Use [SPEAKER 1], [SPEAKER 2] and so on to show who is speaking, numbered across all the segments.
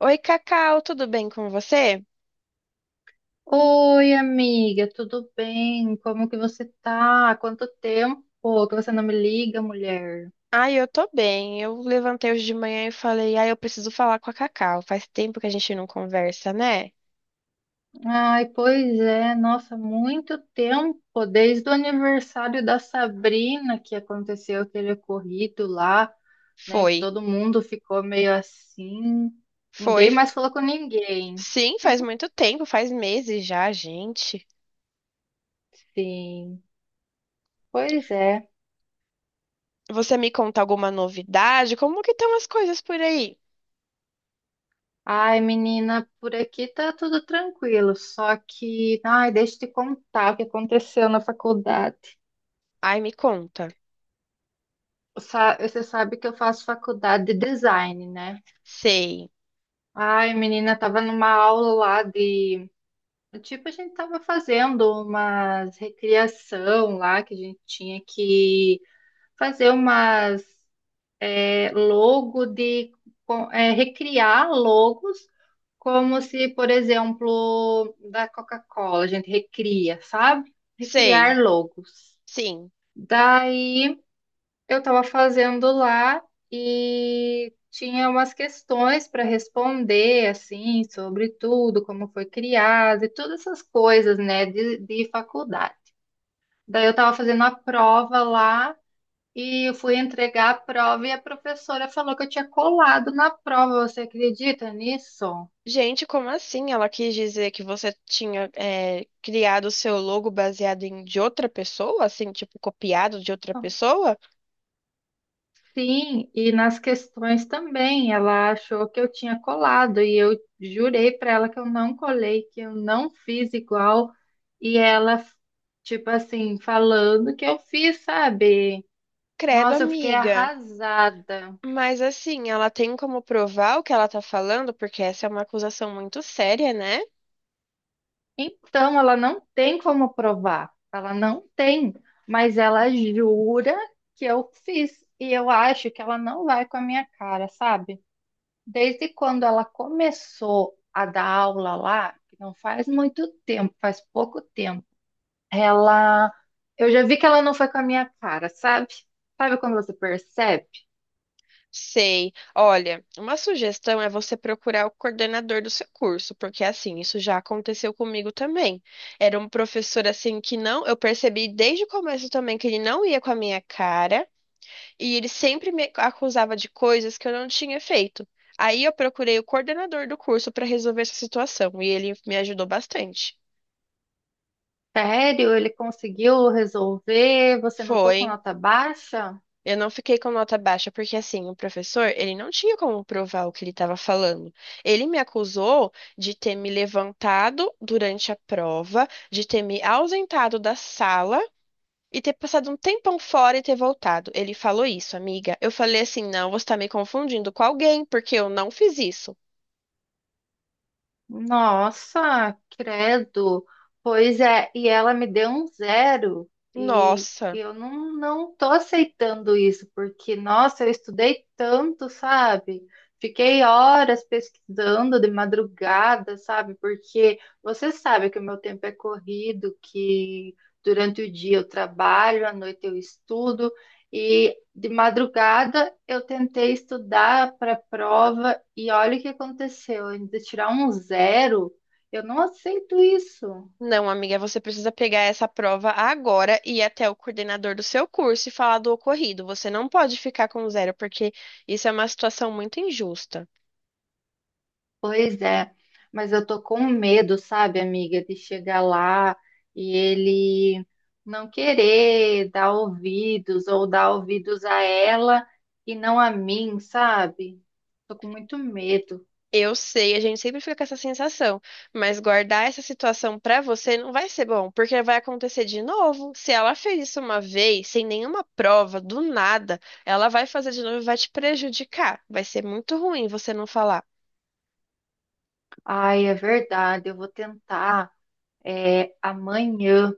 [SPEAKER 1] Oi, Cacau, tudo bem com você?
[SPEAKER 2] Oi, amiga, tudo bem? Como que você tá? Quanto tempo que você não me liga, mulher?
[SPEAKER 1] Ai, eu tô bem. Eu levantei hoje de manhã e falei, ai, eu preciso falar com a Cacau. Faz tempo que a gente não conversa, né?
[SPEAKER 2] Ai, pois é, nossa, muito tempo, desde o aniversário da Sabrina que aconteceu aquele ocorrido lá, né, que
[SPEAKER 1] Foi,
[SPEAKER 2] todo mundo ficou meio assim,
[SPEAKER 1] foi.
[SPEAKER 2] ninguém mais falou com ninguém.
[SPEAKER 1] Sim, faz muito tempo, faz meses já, gente.
[SPEAKER 2] Sim, pois é.
[SPEAKER 1] Você me conta alguma novidade? Como que estão as coisas por aí?
[SPEAKER 2] Ai, menina, por aqui tá tudo tranquilo, só que, ai, deixa eu te contar o que aconteceu na faculdade.
[SPEAKER 1] Ai, me conta.
[SPEAKER 2] Você sabe que eu faço faculdade de design, né?
[SPEAKER 1] Sei,
[SPEAKER 2] Ai, menina, tava numa aula lá de. Tipo, a gente tava fazendo umas recriação lá, que a gente tinha que fazer umas logo de. Recriar logos, como se, por exemplo, da Coca-Cola, a gente recria, sabe?
[SPEAKER 1] sei,
[SPEAKER 2] Recriar logos.
[SPEAKER 1] sim.
[SPEAKER 2] Daí. Eu estava fazendo lá e tinha umas questões para responder, assim, sobre tudo, como foi criado e todas essas coisas, né, de faculdade. Daí eu estava fazendo a prova lá e eu fui entregar a prova e a professora falou que eu tinha colado na prova. Você acredita nisso?
[SPEAKER 1] Gente, como assim? Ela quis dizer que você tinha criado o seu logo baseado em de outra pessoa, assim, tipo, copiado de outra pessoa?
[SPEAKER 2] Sim, e nas questões também, ela achou que eu tinha colado e eu jurei para ela que eu não colei, que eu não fiz igual, e ela, tipo assim, falando que eu fiz, sabe?
[SPEAKER 1] Credo,
[SPEAKER 2] Nossa, eu fiquei
[SPEAKER 1] amiga.
[SPEAKER 2] arrasada.
[SPEAKER 1] Mas assim, ela tem como provar o que ela tá falando, porque essa é uma acusação muito séria, né?
[SPEAKER 2] Então, ela não tem como provar, ela não tem, mas ela jura que eu fiz, e eu acho que ela não vai com a minha cara, sabe? Desde quando ela começou a dar aula lá, que não faz muito tempo, faz pouco tempo, ela, eu já vi que ela não foi com a minha cara, sabe? Sabe quando você percebe?
[SPEAKER 1] Sei. Olha, uma sugestão é você procurar o coordenador do seu curso, porque assim, isso já aconteceu comigo também. Era um professor assim que não, eu percebi desde o começo também que ele não ia com a minha cara, e ele sempre me acusava de coisas que eu não tinha feito. Aí eu procurei o coordenador do curso para resolver essa situação, e ele me ajudou bastante.
[SPEAKER 2] Sério, ele conseguiu resolver, você não foi
[SPEAKER 1] Foi.
[SPEAKER 2] com nota baixa?
[SPEAKER 1] Eu não fiquei com nota baixa, porque assim, o professor, ele não tinha como provar o que ele estava falando. Ele me acusou de ter me levantado durante a prova, de ter me ausentado da sala e ter passado um tempão fora e ter voltado. Ele falou isso, amiga. Eu falei assim: não, você está me confundindo com alguém, porque eu não fiz isso.
[SPEAKER 2] Nossa, credo. Pois é, e ela me deu um zero e
[SPEAKER 1] Nossa.
[SPEAKER 2] eu não, não tô aceitando isso, porque, nossa, eu estudei tanto, sabe? Fiquei horas pesquisando de madrugada, sabe? Porque você sabe que o meu tempo é corrido, que durante o dia eu trabalho, à noite eu estudo, e de madrugada eu tentei estudar para a prova e olha o que aconteceu. Ainda tirar um zero, eu não aceito isso.
[SPEAKER 1] Não, amiga, você precisa pegar essa prova agora e ir até o coordenador do seu curso e falar do ocorrido. Você não pode ficar com zero, porque isso é uma situação muito injusta.
[SPEAKER 2] Pois é, mas eu tô com medo, sabe, amiga, de chegar lá e ele não querer dar ouvidos ou dar ouvidos a ela e não a mim, sabe? Tô com muito medo.
[SPEAKER 1] Eu sei, a gente sempre fica com essa sensação, mas guardar essa situação pra você não vai ser bom, porque vai acontecer de novo. Se ela fez isso uma vez, sem nenhuma prova, do nada, ela vai fazer de novo e vai te prejudicar. Vai ser muito ruim você não falar.
[SPEAKER 2] Ai, é verdade, eu vou tentar. É, amanhã.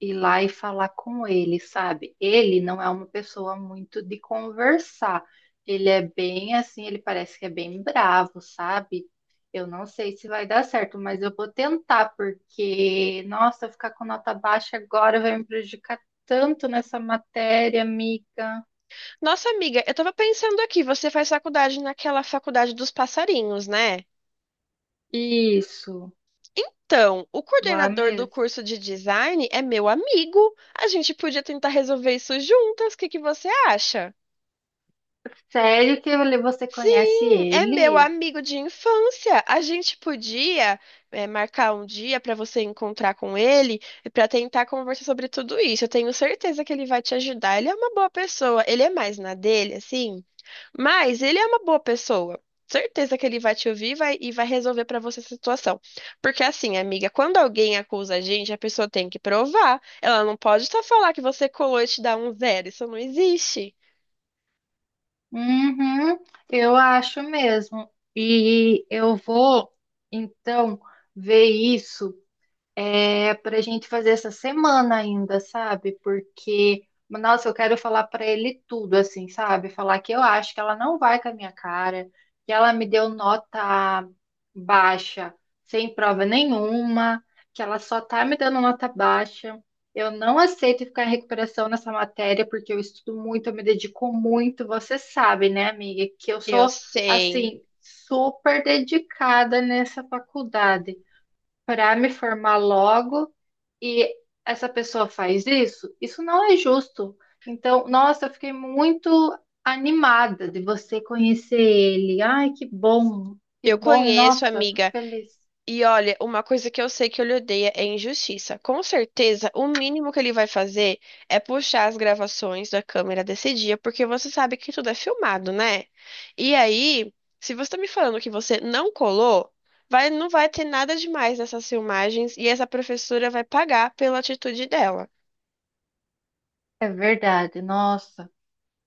[SPEAKER 2] Ir lá e falar com ele, sabe? Ele não é uma pessoa muito de conversar. Ele é bem assim, ele parece que é bem bravo, sabe? Eu não sei se vai dar certo, mas eu vou tentar, porque, nossa, eu ficar com nota baixa agora vai me prejudicar tanto nessa matéria, amiga.
[SPEAKER 1] Nossa, amiga, eu tava pensando aqui, você faz faculdade naquela faculdade dos passarinhos, né?
[SPEAKER 2] Isso,
[SPEAKER 1] Então, o
[SPEAKER 2] lá
[SPEAKER 1] coordenador do
[SPEAKER 2] mesmo.
[SPEAKER 1] curso de design é meu amigo. A gente podia tentar resolver isso juntas. O que que você acha?
[SPEAKER 2] Sério que você conhece
[SPEAKER 1] Sim, é meu
[SPEAKER 2] ele?
[SPEAKER 1] amigo de infância. A gente podia, marcar um dia para você encontrar com ele e para tentar conversar sobre tudo isso. Eu tenho certeza que ele vai te ajudar. Ele é uma boa pessoa. Ele é mais na dele, assim, mas ele é uma boa pessoa. Certeza que ele vai te ouvir e vai resolver para você essa situação. Porque assim, amiga, quando alguém acusa a gente, a pessoa tem que provar. Ela não pode só falar que você colou e te dá um zero. Isso não existe.
[SPEAKER 2] Uhum, eu acho mesmo. E eu vou, então, ver isso. É pra gente fazer essa semana ainda, sabe? Porque, nossa, eu quero falar pra ele tudo, assim, sabe? Falar que eu acho que ela não vai com a minha cara, que ela me deu nota baixa, sem prova nenhuma, que ela só tá me dando nota baixa. Eu não aceito ficar em recuperação nessa matéria, porque eu estudo muito, eu me dedico muito. Você sabe, né, amiga, que eu
[SPEAKER 1] Eu
[SPEAKER 2] sou,
[SPEAKER 1] sei.
[SPEAKER 2] assim, super dedicada nessa faculdade para me formar logo e essa pessoa faz isso? Isso não é justo. Então, nossa, eu fiquei muito animada de você conhecer ele. Ai, que
[SPEAKER 1] Eu
[SPEAKER 2] bom,
[SPEAKER 1] conheço,
[SPEAKER 2] nossa, fico
[SPEAKER 1] amiga.
[SPEAKER 2] feliz.
[SPEAKER 1] E olha, uma coisa que eu sei que ele odeia é injustiça. Com certeza, o mínimo que ele vai fazer é puxar as gravações da câmera desse dia, porque você sabe que tudo é filmado, né? E aí, se você tá me falando que você não colou, não vai ter nada demais nessas filmagens e essa professora vai pagar pela atitude dela.
[SPEAKER 2] É verdade, nossa.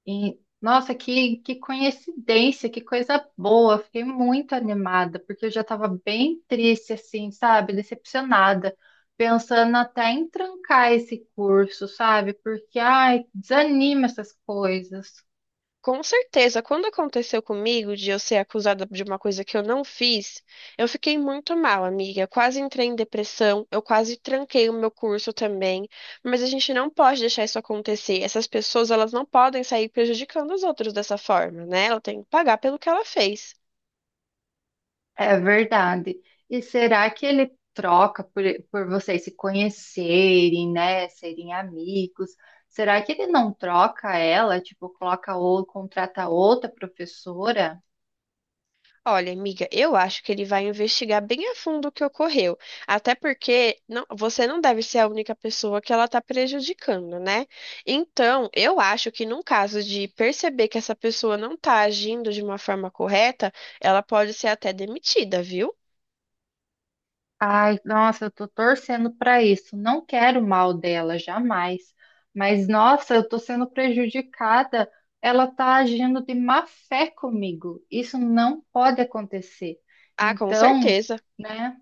[SPEAKER 2] E, nossa, que coincidência, que coisa boa. Fiquei muito animada, porque eu já estava bem triste, assim, sabe? Decepcionada, pensando até em trancar esse curso, sabe? Porque, ai, desanima essas coisas.
[SPEAKER 1] Com certeza, quando aconteceu comigo de eu ser acusada de uma coisa que eu não fiz, eu fiquei muito mal, amiga. Eu quase entrei em depressão, eu quase tranquei o meu curso também. Mas a gente não pode deixar isso acontecer. Essas pessoas, elas não podem sair prejudicando os outros dessa forma, né? Ela tem que pagar pelo que ela fez.
[SPEAKER 2] É verdade. E será que ele troca por vocês se conhecerem, né? Serem amigos? Será que ele não troca ela? Tipo, coloca ou contrata outra professora?
[SPEAKER 1] Olha, amiga, eu acho que ele vai investigar bem a fundo o que ocorreu, até porque você não deve ser a única pessoa que ela está prejudicando, né? Então, eu acho que num caso de perceber que essa pessoa não está agindo de uma forma correta, ela pode ser até demitida, viu?
[SPEAKER 2] Ai, nossa, eu tô torcendo pra isso. Não quero o mal dela, jamais. Mas, nossa, eu tô sendo prejudicada. Ela tá agindo de má fé comigo. Isso não pode acontecer.
[SPEAKER 1] Ah, com
[SPEAKER 2] Então,
[SPEAKER 1] certeza.
[SPEAKER 2] né,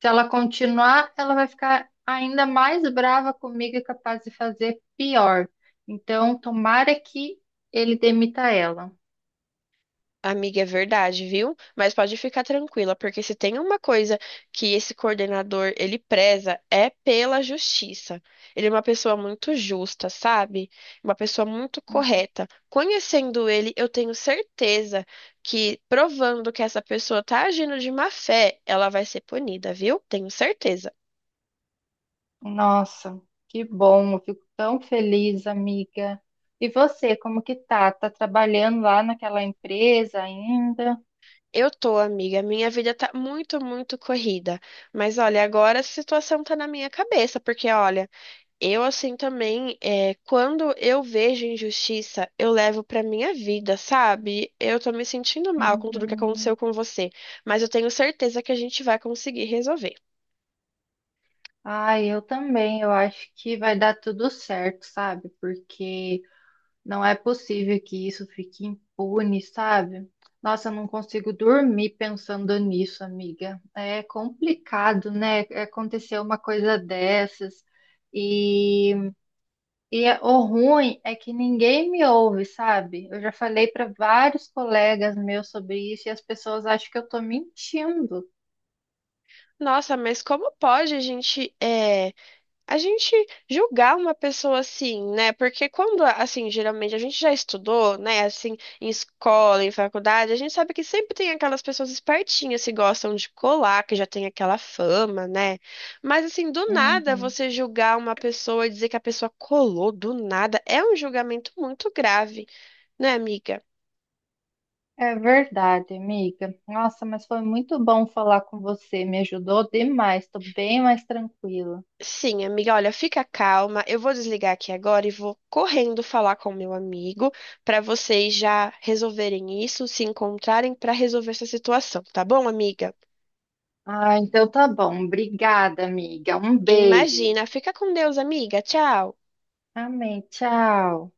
[SPEAKER 2] se ela continuar, ela vai ficar ainda mais brava comigo e capaz de fazer pior. Então, tomara que ele demita ela.
[SPEAKER 1] Amiga, é verdade, viu? Mas pode ficar tranquila, porque se tem uma coisa que esse coordenador ele preza é pela justiça. Ele é uma pessoa muito justa, sabe? Uma pessoa muito correta. Conhecendo ele, eu tenho certeza que provando que essa pessoa tá agindo de má fé, ela vai ser punida, viu? Tenho certeza.
[SPEAKER 2] Nossa, que bom, eu fico tão feliz, amiga. E você, como que tá? Tá trabalhando lá naquela empresa ainda?
[SPEAKER 1] Eu tô, amiga, minha vida tá muito, muito corrida. Mas olha, agora a situação tá na minha cabeça, porque olha, eu, assim, também, quando eu vejo injustiça, eu levo pra minha vida, sabe? Eu tô me sentindo mal com tudo que
[SPEAKER 2] Uhum.
[SPEAKER 1] aconteceu com você, mas eu tenho certeza que a gente vai conseguir resolver.
[SPEAKER 2] Ai, eu também, eu acho que vai dar tudo certo, sabe? Porque não é possível que isso fique impune, sabe? Nossa, eu não consigo dormir pensando nisso, amiga. É complicado, né? Acontecer uma coisa dessas. E o ruim é que ninguém me ouve, sabe? Eu já falei para vários colegas meus sobre isso e as pessoas acham que eu tô mentindo.
[SPEAKER 1] Nossa, mas como pode a gente julgar uma pessoa assim, né? Porque quando, assim, geralmente a gente já estudou, né? Assim, em escola, em faculdade, a gente sabe que sempre tem aquelas pessoas espertinhas que gostam de colar, que já tem aquela fama, né? Mas, assim, do nada
[SPEAKER 2] Uhum.
[SPEAKER 1] você julgar uma pessoa e dizer que a pessoa colou do nada é um julgamento muito grave, né, amiga?
[SPEAKER 2] É verdade, amiga. Nossa, mas foi muito bom falar com você. Me ajudou demais. Tô bem mais tranquila.
[SPEAKER 1] Sim, amiga, olha, fica calma. Eu vou desligar aqui agora e vou correndo falar com o meu amigo para vocês já resolverem isso, se encontrarem para resolver essa situação, tá bom, amiga?
[SPEAKER 2] Ah, então tá bom. Obrigada, amiga. Um beijo.
[SPEAKER 1] Imagina, fica com Deus, amiga. Tchau.
[SPEAKER 2] Amém. Tchau.